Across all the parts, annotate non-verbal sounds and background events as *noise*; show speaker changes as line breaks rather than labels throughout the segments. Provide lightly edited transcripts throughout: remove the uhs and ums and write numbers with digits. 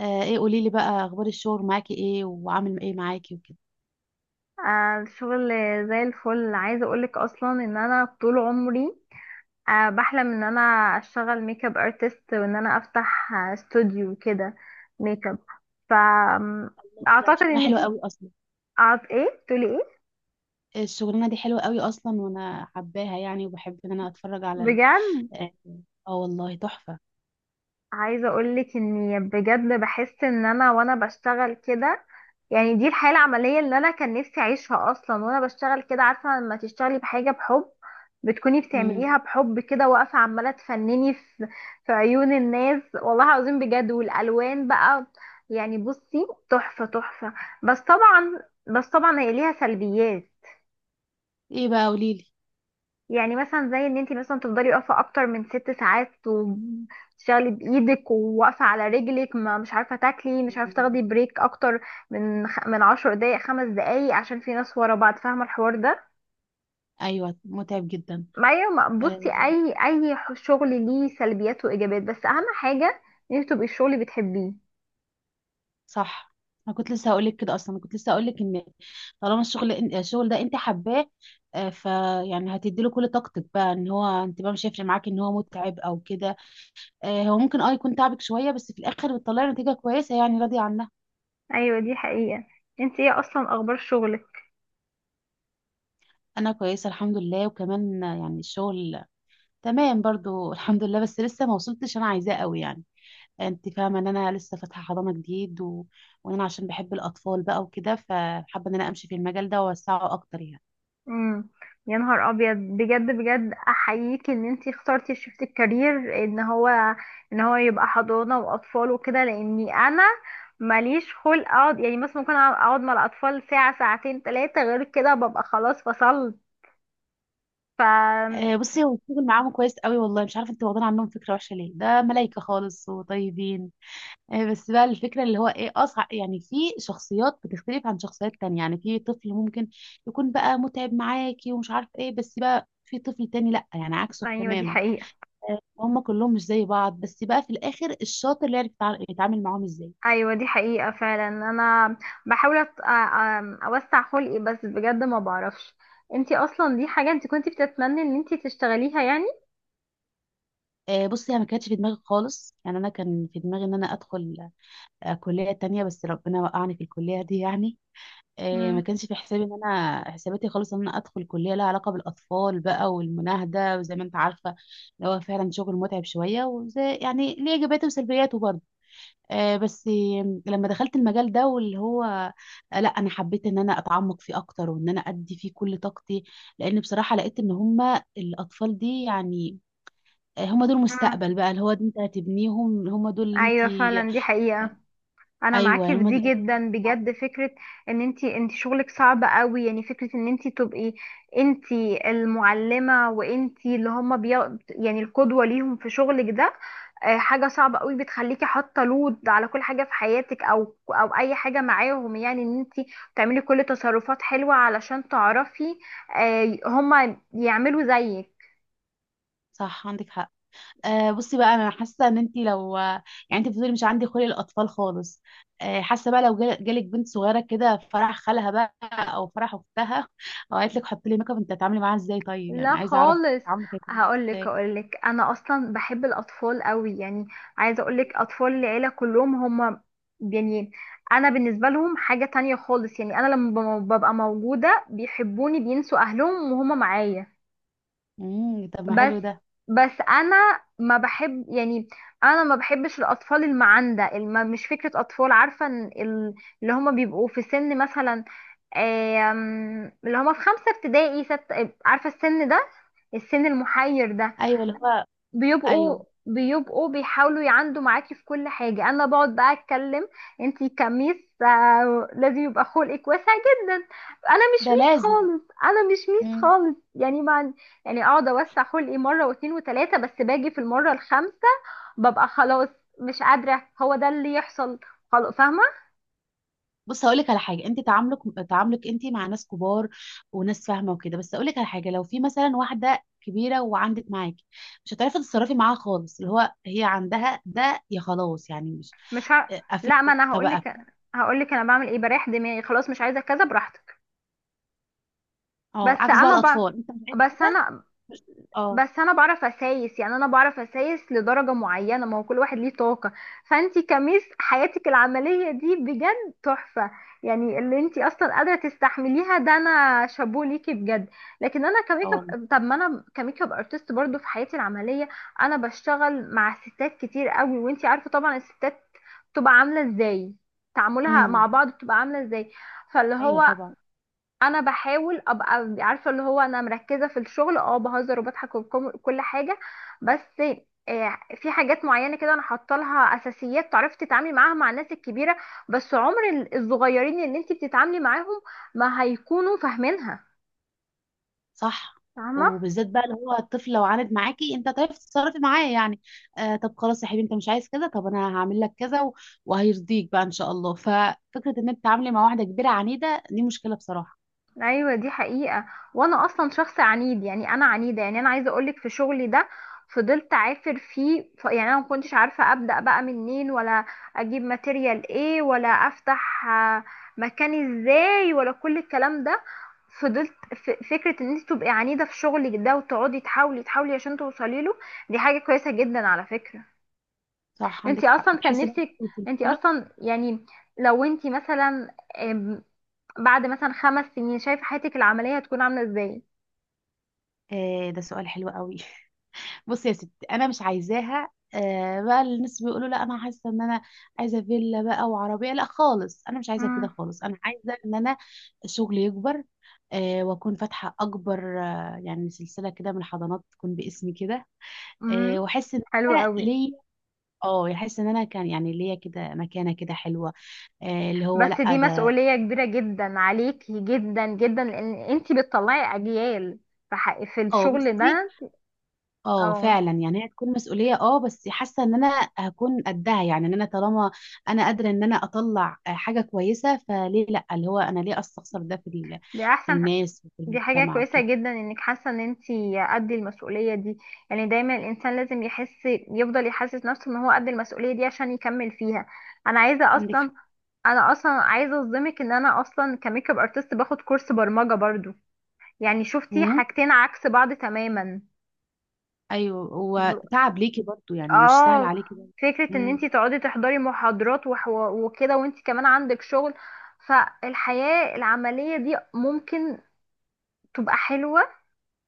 آه، ايه؟ قولي لي بقى، اخبار الشغل معاكي ايه وعامل ايه معاكي وكده.
آه، الشغل زي الفل. عايزه اقولك اصلا ان انا طول عمري بحلم ان انا اشتغل ميك اب ارتست وان انا افتح استوديو كده ميك اب. ف
الله، ده
اعتقد
شغلانة
ان
حلوة
دي
قوي أصلا.
ايه تقولي ايه؟
الشغلانه دي حلوه قوي اصلا، وانا حباها يعني، وبحب ان انا اتفرج على ال...
بجد؟
اه آه، والله تحفه.
عايزة اقولك اني بجد بحس ان انا وانا بشتغل كده. يعني دي الحياة العملية اللي انا كان نفسي اعيشها اصلا، وانا بشتغل كده. عارفة لما تشتغلي بحاجة بحب بتكوني
مم.
بتعمليها بحب كده، واقفة عمالة تفنني في عيون الناس، والله العظيم بجد. والالوان بقى، يعني بصي، تحفة تحفة. بس طبعا بس طبعا، هي ليها سلبيات.
ايه بقى؟ قولي لي.
يعني مثلا زي ان انت مثلا تفضلي واقفه اكتر من 6 ساعات، وتشتغلي بايدك وواقفه على رجلك، ما مش عارفه تاكلي، مش عارفه
مم.
تاخدي بريك اكتر من 10 دقايق، 5 دقايق، عشان في ناس ورا بعض. فاهمه الحوار ده؟
ايوه، متعب جدا.
ما أيوة، بصي
آه
اي شغل ليه سلبيات وايجابيات، بس اهم حاجه ان انت تبقي الشغل بتحبيه.
صح. انا كنت لسه هقول لك كده اصلا، انا كنت لسه هقول لك ان طالما الشغل ده انت حباه، آه فيعني هتدي له كل طاقتك بقى. ان هو انت بقى مش هيفرق معاكي ان هو متعب او كده. هو ممكن اه يكون تعبك شوية، بس في الآخر بتطلعي نتيجة كويسة يعني، راضية عنها.
ايوه، دي حقيقه. انت ايه اصلا، اخبار شغلك؟
أنا كويسة الحمد لله، وكمان يعني الشغل تمام برضو، *laughs* الحمد لله، بس لسه ما وصلتش أنا عايزاه قوي يعني. أنت فاهمة إن أنا لسه فاتحة حضانة جديد وإن أنا عشان بحب الأطفال بقى وكده، فحابة إن أنا أمشي في المجال ده وأوسعه أكتر يعني.
امم يا نهار ابيض، بجد بجد احييك ان انتي اخترتي، شفت الكارير ان هو يبقى حضانه واطفال وكده، لاني انا ماليش خلق اقعد. يعني مثلا ممكن اقعد مع الاطفال ساعه ساعتين ثلاثه، غير كده ببقى خلاص فصلت. ف
بصي، هو الشغل معاهم كويس قوي والله. مش عارفة أنت واخدين عنهم فكرة وحشة ليه، ده ملايكة خالص وطيبين. بس بقى الفكرة اللي هو ايه اصعب، يعني في شخصيات بتختلف عن شخصيات تانية. يعني في طفل ممكن يكون بقى متعب معاكي ومش عارف ايه، بس بقى في طفل تاني لا، يعني عكسه
ايوه، دي
تماما.
حقيقه.
هم كلهم مش زي بعض، بس بقى في الاخر الشاطر اللي يعرف يتعامل معاهم ازاي.
ايوه، دي حقيقه فعلا. انا بحاول اوسع خلقي بس بجد ما بعرفش. انتي اصلا دي حاجه انتي كنتي بتتمني ان انتي تشتغليها يعني؟
بصي، انا ما كانتش في دماغي خالص، يعني انا كان في دماغي ان انا ادخل كلية تانية، بس ربنا وقعني في الكلية دي يعني. ما
امم،
كانش في حسابي ان انا، حساباتي خالص ان انا ادخل كليه لها علاقه بالاطفال بقى والمناهده، وزي ما انت عارفه اللي هو فعلا شغل متعب شويه، وزي يعني ليه ايجابياته وسلبياته برضه. آه بس لما دخلت المجال ده واللي هو، لا انا حبيت ان انا اتعمق فيه اكتر، وان انا ادي فيه كل طاقتي. لان بصراحه لقيت ان هما الاطفال دي يعني، هما دول
امم،
مستقبل بقى. اللي هو انت هتبنيهم، هما دول اللي انت.
ايوه، فعلا دي حقيقة. انا
ايوه
معاكي في
هما
دي
دول.
جدا بجد. فكره ان انتي شغلك صعب قوي. يعني فكره ان انتي تبقي انتي المعلمه، وانتي اللي هما يعني القدوه ليهم في شغلك ده. حاجه صعبه قوي، بتخليكي حاطه لود على كل حاجه في حياتك، او اي حاجه معاهم. يعني ان انتي تعملي كل تصرفات حلوه علشان تعرفي هما يعملوا زيك.
صح، عندك حق. آه بصي بقى، انا حاسه ان انت لو يعني، انت بتقولي مش عندي خلق الاطفال خالص، آه حاسه بقى لو جالك بنت صغيره كده في فرح خالها بقى، او فرح اختها، او قالت لك حطي لي ميك اب، انت هتتعاملي معاها ازاي؟ طيب يعني
لا
عايزه اعرف
خالص.
تعاملك هيكون ازاي.
هقولك انا اصلا بحب الاطفال قوي يعني. عايزه اقولك اطفال العيله كلهم هم، يعني انا بالنسبه لهم حاجه تانية خالص. يعني انا لما ببقى موجوده بيحبوني، بينسوا اهلهم وهم معايا.
امم، طب ما
بس
حلو ده.
بس انا ما بحب، يعني انا ما بحبش الاطفال المعندة مش فكرة اطفال. عارفة إن اللي هما بيبقوا في سن مثلا، اللي هما في 5 ابتدائي ست، عارفة السن ده، السن المحير ده.
ايوه اللي هو.
بيبقوا
ايوه.
بيبقوا بيحاولوا يعندوا معاكي في كل حاجة. انا بقعد بقى اتكلم، انتي كميس، لازم يبقى خلقك واسع جدا. انا مش
ده
ميس
لازم.
خالص، انا مش ميس
إمم.
خالص يعني مع. يعني اقعد اوسع خلقي مرة واتنين وتلاتة، بس باجي في المرة الخامسة ببقى خلاص، مش قادرة. هو ده اللي يحصل، خلاص فاهمة.
بص، هقول لك على حاجه. انت تعاملك انت مع ناس كبار وناس فاهمه وكده، بس هقول لك على حاجه، لو في مثلا واحده كبيره وعندك معاكي، مش هتعرفي تتصرفي معاها خالص. اللي هو هي عندها ده، يا خلاص يعني، مش
مش ه...
قفلت
لا، ما انا
دماغها بقى، فاهم؟
هقولك انا بعمل ايه، بريح دماغي خلاص، مش عايزة كذا، براحتك.
اه
بس
عكس بقى
انا ب...
الاطفال، انت مش عايز
بس
كده.
انا
مش. اه.
بس انا بعرف اسايس، يعني انا بعرف اسايس لدرجة معينة. ما هو كل واحد ليه طاقة. فانتي كميس حياتك العملية دي بجد تحفة. يعني اللي انتي اصلا قادرة تستحمليها ده، انا شابوه ليكي بجد. لكن انا كميك
اه والله.
اب طب ما انا كميك اب ارتست برضو في حياتي العملية. انا بشتغل مع ستات كتير قوي، وانتي عارفة طبعا الستات بتبقى عاملة ازاي، تعاملها مع
امم.
بعض بتبقى عاملة ازاي. فاللي
ايوه
هو،
طبعا.
انا بحاول ابقى عارفه اللي هو انا مركزه في الشغل، بهزر وبضحك وكل حاجه. بس في حاجات معينه كده انا حاطه لها اساسيات تعرفي تتعاملي معاها مع الناس الكبيره. بس عمر الصغيرين اللي انت بتتعاملي معاهم ما هيكونوا فاهمينها.
صح.
فاهمه؟
وبالذات بقى اللي هو الطفل لو عاند معاكي، انت تعرفي تتصرفي معاه يعني. آه، طب خلاص يا حبيبي، انت مش عايز كذا، طب انا هعمل لك كذا و- وهيرضيك بقى ان شاء الله. ففكره ان انت تتعاملي مع واحده كبيره عنيده دي مشكله بصراحه.
ايوه، دي حقيقة. وانا اصلا شخص عنيد، يعني انا عنيدة. يعني انا عايزة اقولك، في شغلي ده فضلت عافر فيه. يعني انا ما كنتش عارفة ابدأ بقى منين، ولا اجيب ماتيريال ايه، ولا افتح مكان ازاي، ولا كل الكلام ده. فضلت. فكرة ان انت تبقي عنيدة في شغلك ده وتقعدي تحاولي تحاولي عشان توصلي له، دي حاجة كويسة جدا على فكرة.
صح،
انت
عندك حق.
اصلا كان
وتحسي ان
نفسك.
انت قلت
انت
له.
اصلا يعني لو انت مثلا، آمم، بعد مثلا 5 سنين شايفة حياتك العملية هتكون عاملة ازاي؟
آه، ده سؤال حلو قوي. بصي يا ستي، انا مش عايزاها آه بقى الناس بيقولوا لا، انا حاسه ان انا عايزه فيلا بقى وعربيه، لا خالص، انا مش عايزه كده
مم.
خالص. انا عايزه ان انا شغلي يكبر، آه واكون فاتحه اكبر آه يعني سلسله كده من الحضانات تكون باسمي كده.
امم
آه واحس ان
حلو
انا
قوي.
ليا، اه احس ان انا كان يعني ليا كده مكانه كده حلوه. آه اللي هو
بس
لا
دي
ده.
مسؤولية كبيرة جدا عليكي، جدا جدا، لان انتي بتطلعي اجيال في
اه
الشغل
بصي،
ده.
اه
اه
فعلا يعني هي تكون مسؤوليه اه، بس حاسه ان انا هكون قدها، يعني ان انا طالما انا قادره ان انا اطلع حاجه كويسه، فليه لا؟ اللي هو انا ليه استخسر ده في
دي
في
احسن ح-
الناس وفي
دي حاجة
المجتمع
كويسة
وكده.
جدا انك حاسة ان انتي قد المسؤولية دي. يعني دايما الانسان لازم يحس، يفضل يحسس نفسه ان هو قد المسؤولية دي عشان يكمل فيها. انا عايزة
عندك
اصلا
حق.
انا اصلا عايزة اصدمك ان انا اصلا كميك اب ارتست باخد كورس برمجة برضو، يعني شفتي
امم.
حاجتين عكس بعض تماما.
ايوه هو
ب-
تعب ليكي برضو، يعني مش سهل
اه
عليكي برضو.
فكرة ان
امم.
انتي تقعدي تحضري محاضرات، وكده، وانتي كمان عندك شغل. فالحياة العملية دي ممكن تبقى حلوة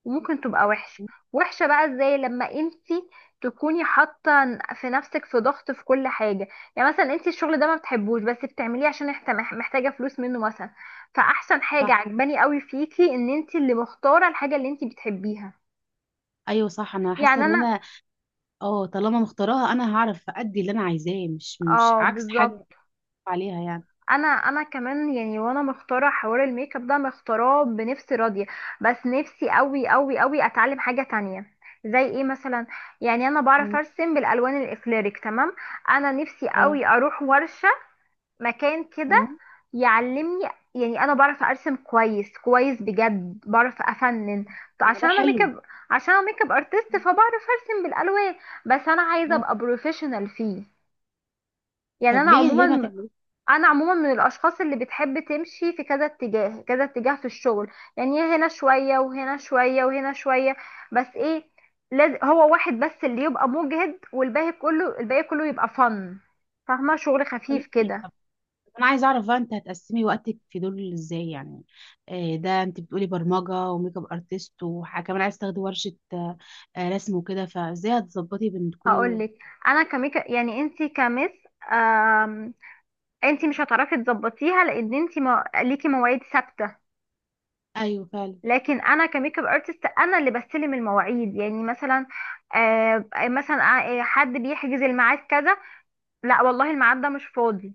وممكن تبقى وحشة. وحشة بقى ازاي؟ لما انتي تكوني حاطة في نفسك في ضغط، في كل حاجة. يعني مثلا انتي الشغل ده ما بتحبوش، بس بتعمليه عشان محتاجة فلوس منه مثلا. فاحسن حاجة
صح.
عجباني قوي فيكي ان انتي اللي مختارة الحاجة اللي انتي بتحبيها.
ايوه صح. انا حاسه
يعني
ان
انا
انا اه طالما مختاراها، انا هعرف ادي اللي انا عايزاه، مش مش
اه
عكس
بالظبط.
حاجه عليها يعني.
انا كمان يعني، وانا مختاره حوار الميك اب ده، مختاراه بنفسي، راضيه. بس نفسي قوي قوي قوي اتعلم حاجه تانية، زي ايه مثلا. يعني انا بعرف
مم.
ارسم بالالوان الاكليريك تمام. انا نفسي
اه.
قوي اروح ورشه، مكان كده
مم.
يعلمني. يعني انا بعرف ارسم كويس كويس بجد، بعرف افنن
طب ما
عشان
ده
انا ميك
حلو.
اب عشان انا ميك اب ارتست،
مم.
فبعرف ارسم بالالوان. بس انا عايزه
اه.
ابقى بروفيشنال فيه. يعني
طب ليه؟ ليه ما تعمليش؟
انا عموما من الاشخاص اللي بتحب تمشي في كذا اتجاه، كذا اتجاه في الشغل. يعني هنا شوية وهنا شوية وهنا شوية. بس ايه؟ لازم هو واحد بس اللي يبقى مجهد، والباقي كله الباقي كله يبقى فن، فاهمة؟ شغل خفيف كده.
طب انا عايزه اعرف بقى، انت هتقسمي وقتك في دول ازاي؟ يعني ده انت بتقولي برمجه وميك اب ارتست، وحاجه كمان عايز تاخدي ورشه رسم وكده، فازاي هتظبطي بين كل دول؟
هقولك. انا كميكا، يعني انتي كمس، آم... انتي مش هتعرفي تظبطيها لان انتي ليكي مواعيد ثابتة.
ايوه فعلا.
لكن انا كميك اب ارتست، انا اللي بستلم المواعيد. يعني مثلا، مثلا، حد بيحجز الميعاد كذا. لا والله، الميعاد ده مش فاضي.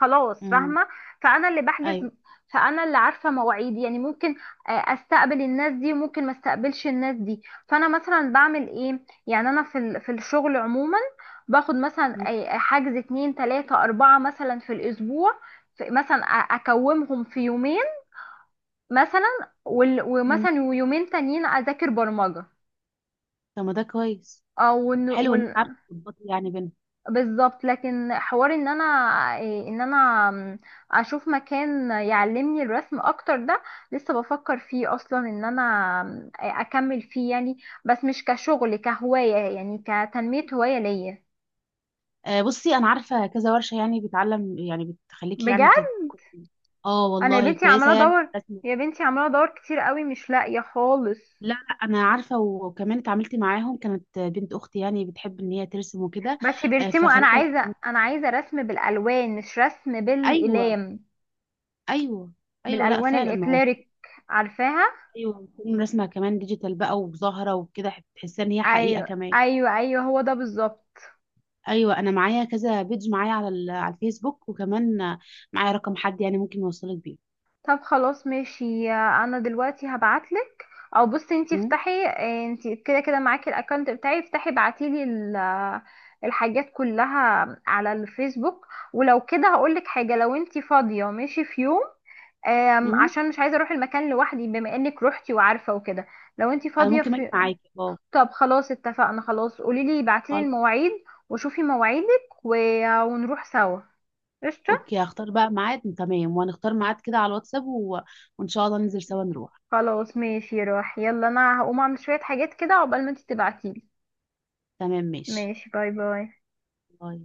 خلاص
امم.
فاهمة. فأنا اللي بحجز،
ايوه.
فأنا اللي عارفة مواعيدي. يعني ممكن أستقبل الناس دي، وممكن ما استقبلش الناس دي. فأنا مثلا بعمل إيه؟ يعني أنا في الشغل عموما باخد مثلا
مم.
حجز اتنين تلاتة أربعة مثلا في الأسبوع. مثلا أكومهم في يومين مثلا،
مم.
ومثلا ويومين تانيين أذاكر برمجة.
طب ما ده كويس.
أو
حلو ان انت عارفه تظبطي يعني بينهم.
بالظبط. لكن حوار ان انا إيه، ان انا م، اشوف مكان يعلمني الرسم اكتر ده. لسه بفكر فيه اصلا ان انا اكمل فيه يعني. بس مش كشغل، كهواية، يعني كتنمية هواية ليا.
بصي انا عارفه كذا ورشه، يعني بتعلم، يعني بتخليكي يعني
بجد؟
اه
انا يا
والله
بنتي عمالة
كويسه يعني في
ادور،
الرسم.
يا بنتي عمالة ادور كتير قوي، مش لاقية خالص.
لا لا، انا عارفه، وكمان اتعاملت معاهم، كانت بنت اختي يعني بتحب ان هي ترسم وكده،
بس بيرسموا.
فخلتها.
انا عايزة رسم بالالوان، مش رسم
ايوه،
بالاقلام.
ايوه، ايوه، لا
بالالوان
فعلا ما هو.
الاكليريك، عارفاها؟
ايوه بتكون رسمه كمان ديجيتال بقى وظاهره وكده، تحسها ان هي حقيقه
ايوه،
كمان.
ايوه، ايوه، هو ده بالظبط.
ايوه انا معايا كذا بيج معايا على على الفيسبوك، وكمان معايا رقم حد يعني ممكن يوصلك بيه.
طب خلاص ماشي. انا دلوقتي هبعتلك. او بصي، انتي
مم؟
افتحي. انتي كده كده معاكي الاكونت بتاعي، افتحي بعتيلي الحاجات كلها على الفيسبوك. ولو كده هقولك حاجة، لو انتي فاضية ماشي في يوم،
مم؟
عشان مش عايزة اروح المكان لوحدي، بما انك روحتي وعارفة وكده. لو انتي
انا
فاضية
ممكن اجي معاكي اه.
طب خلاص اتفقنا، خلاص قوليلي بعتيلي
خلاص.
المواعيد وشوفي مواعيدك ونروح سوا. قشطة.
اوكي، هختار بقى ميعاد تمام، وهنختار ميعاد كده على الواتساب وان شاء الله ننزل سوا نروح.
خلاص ماشي، روح يلا. انا هقوم اعمل شوية حاجات كده عقبال ما انت تبعتيلي.
تمام ماشي.
ماشي، باي باي.
باي.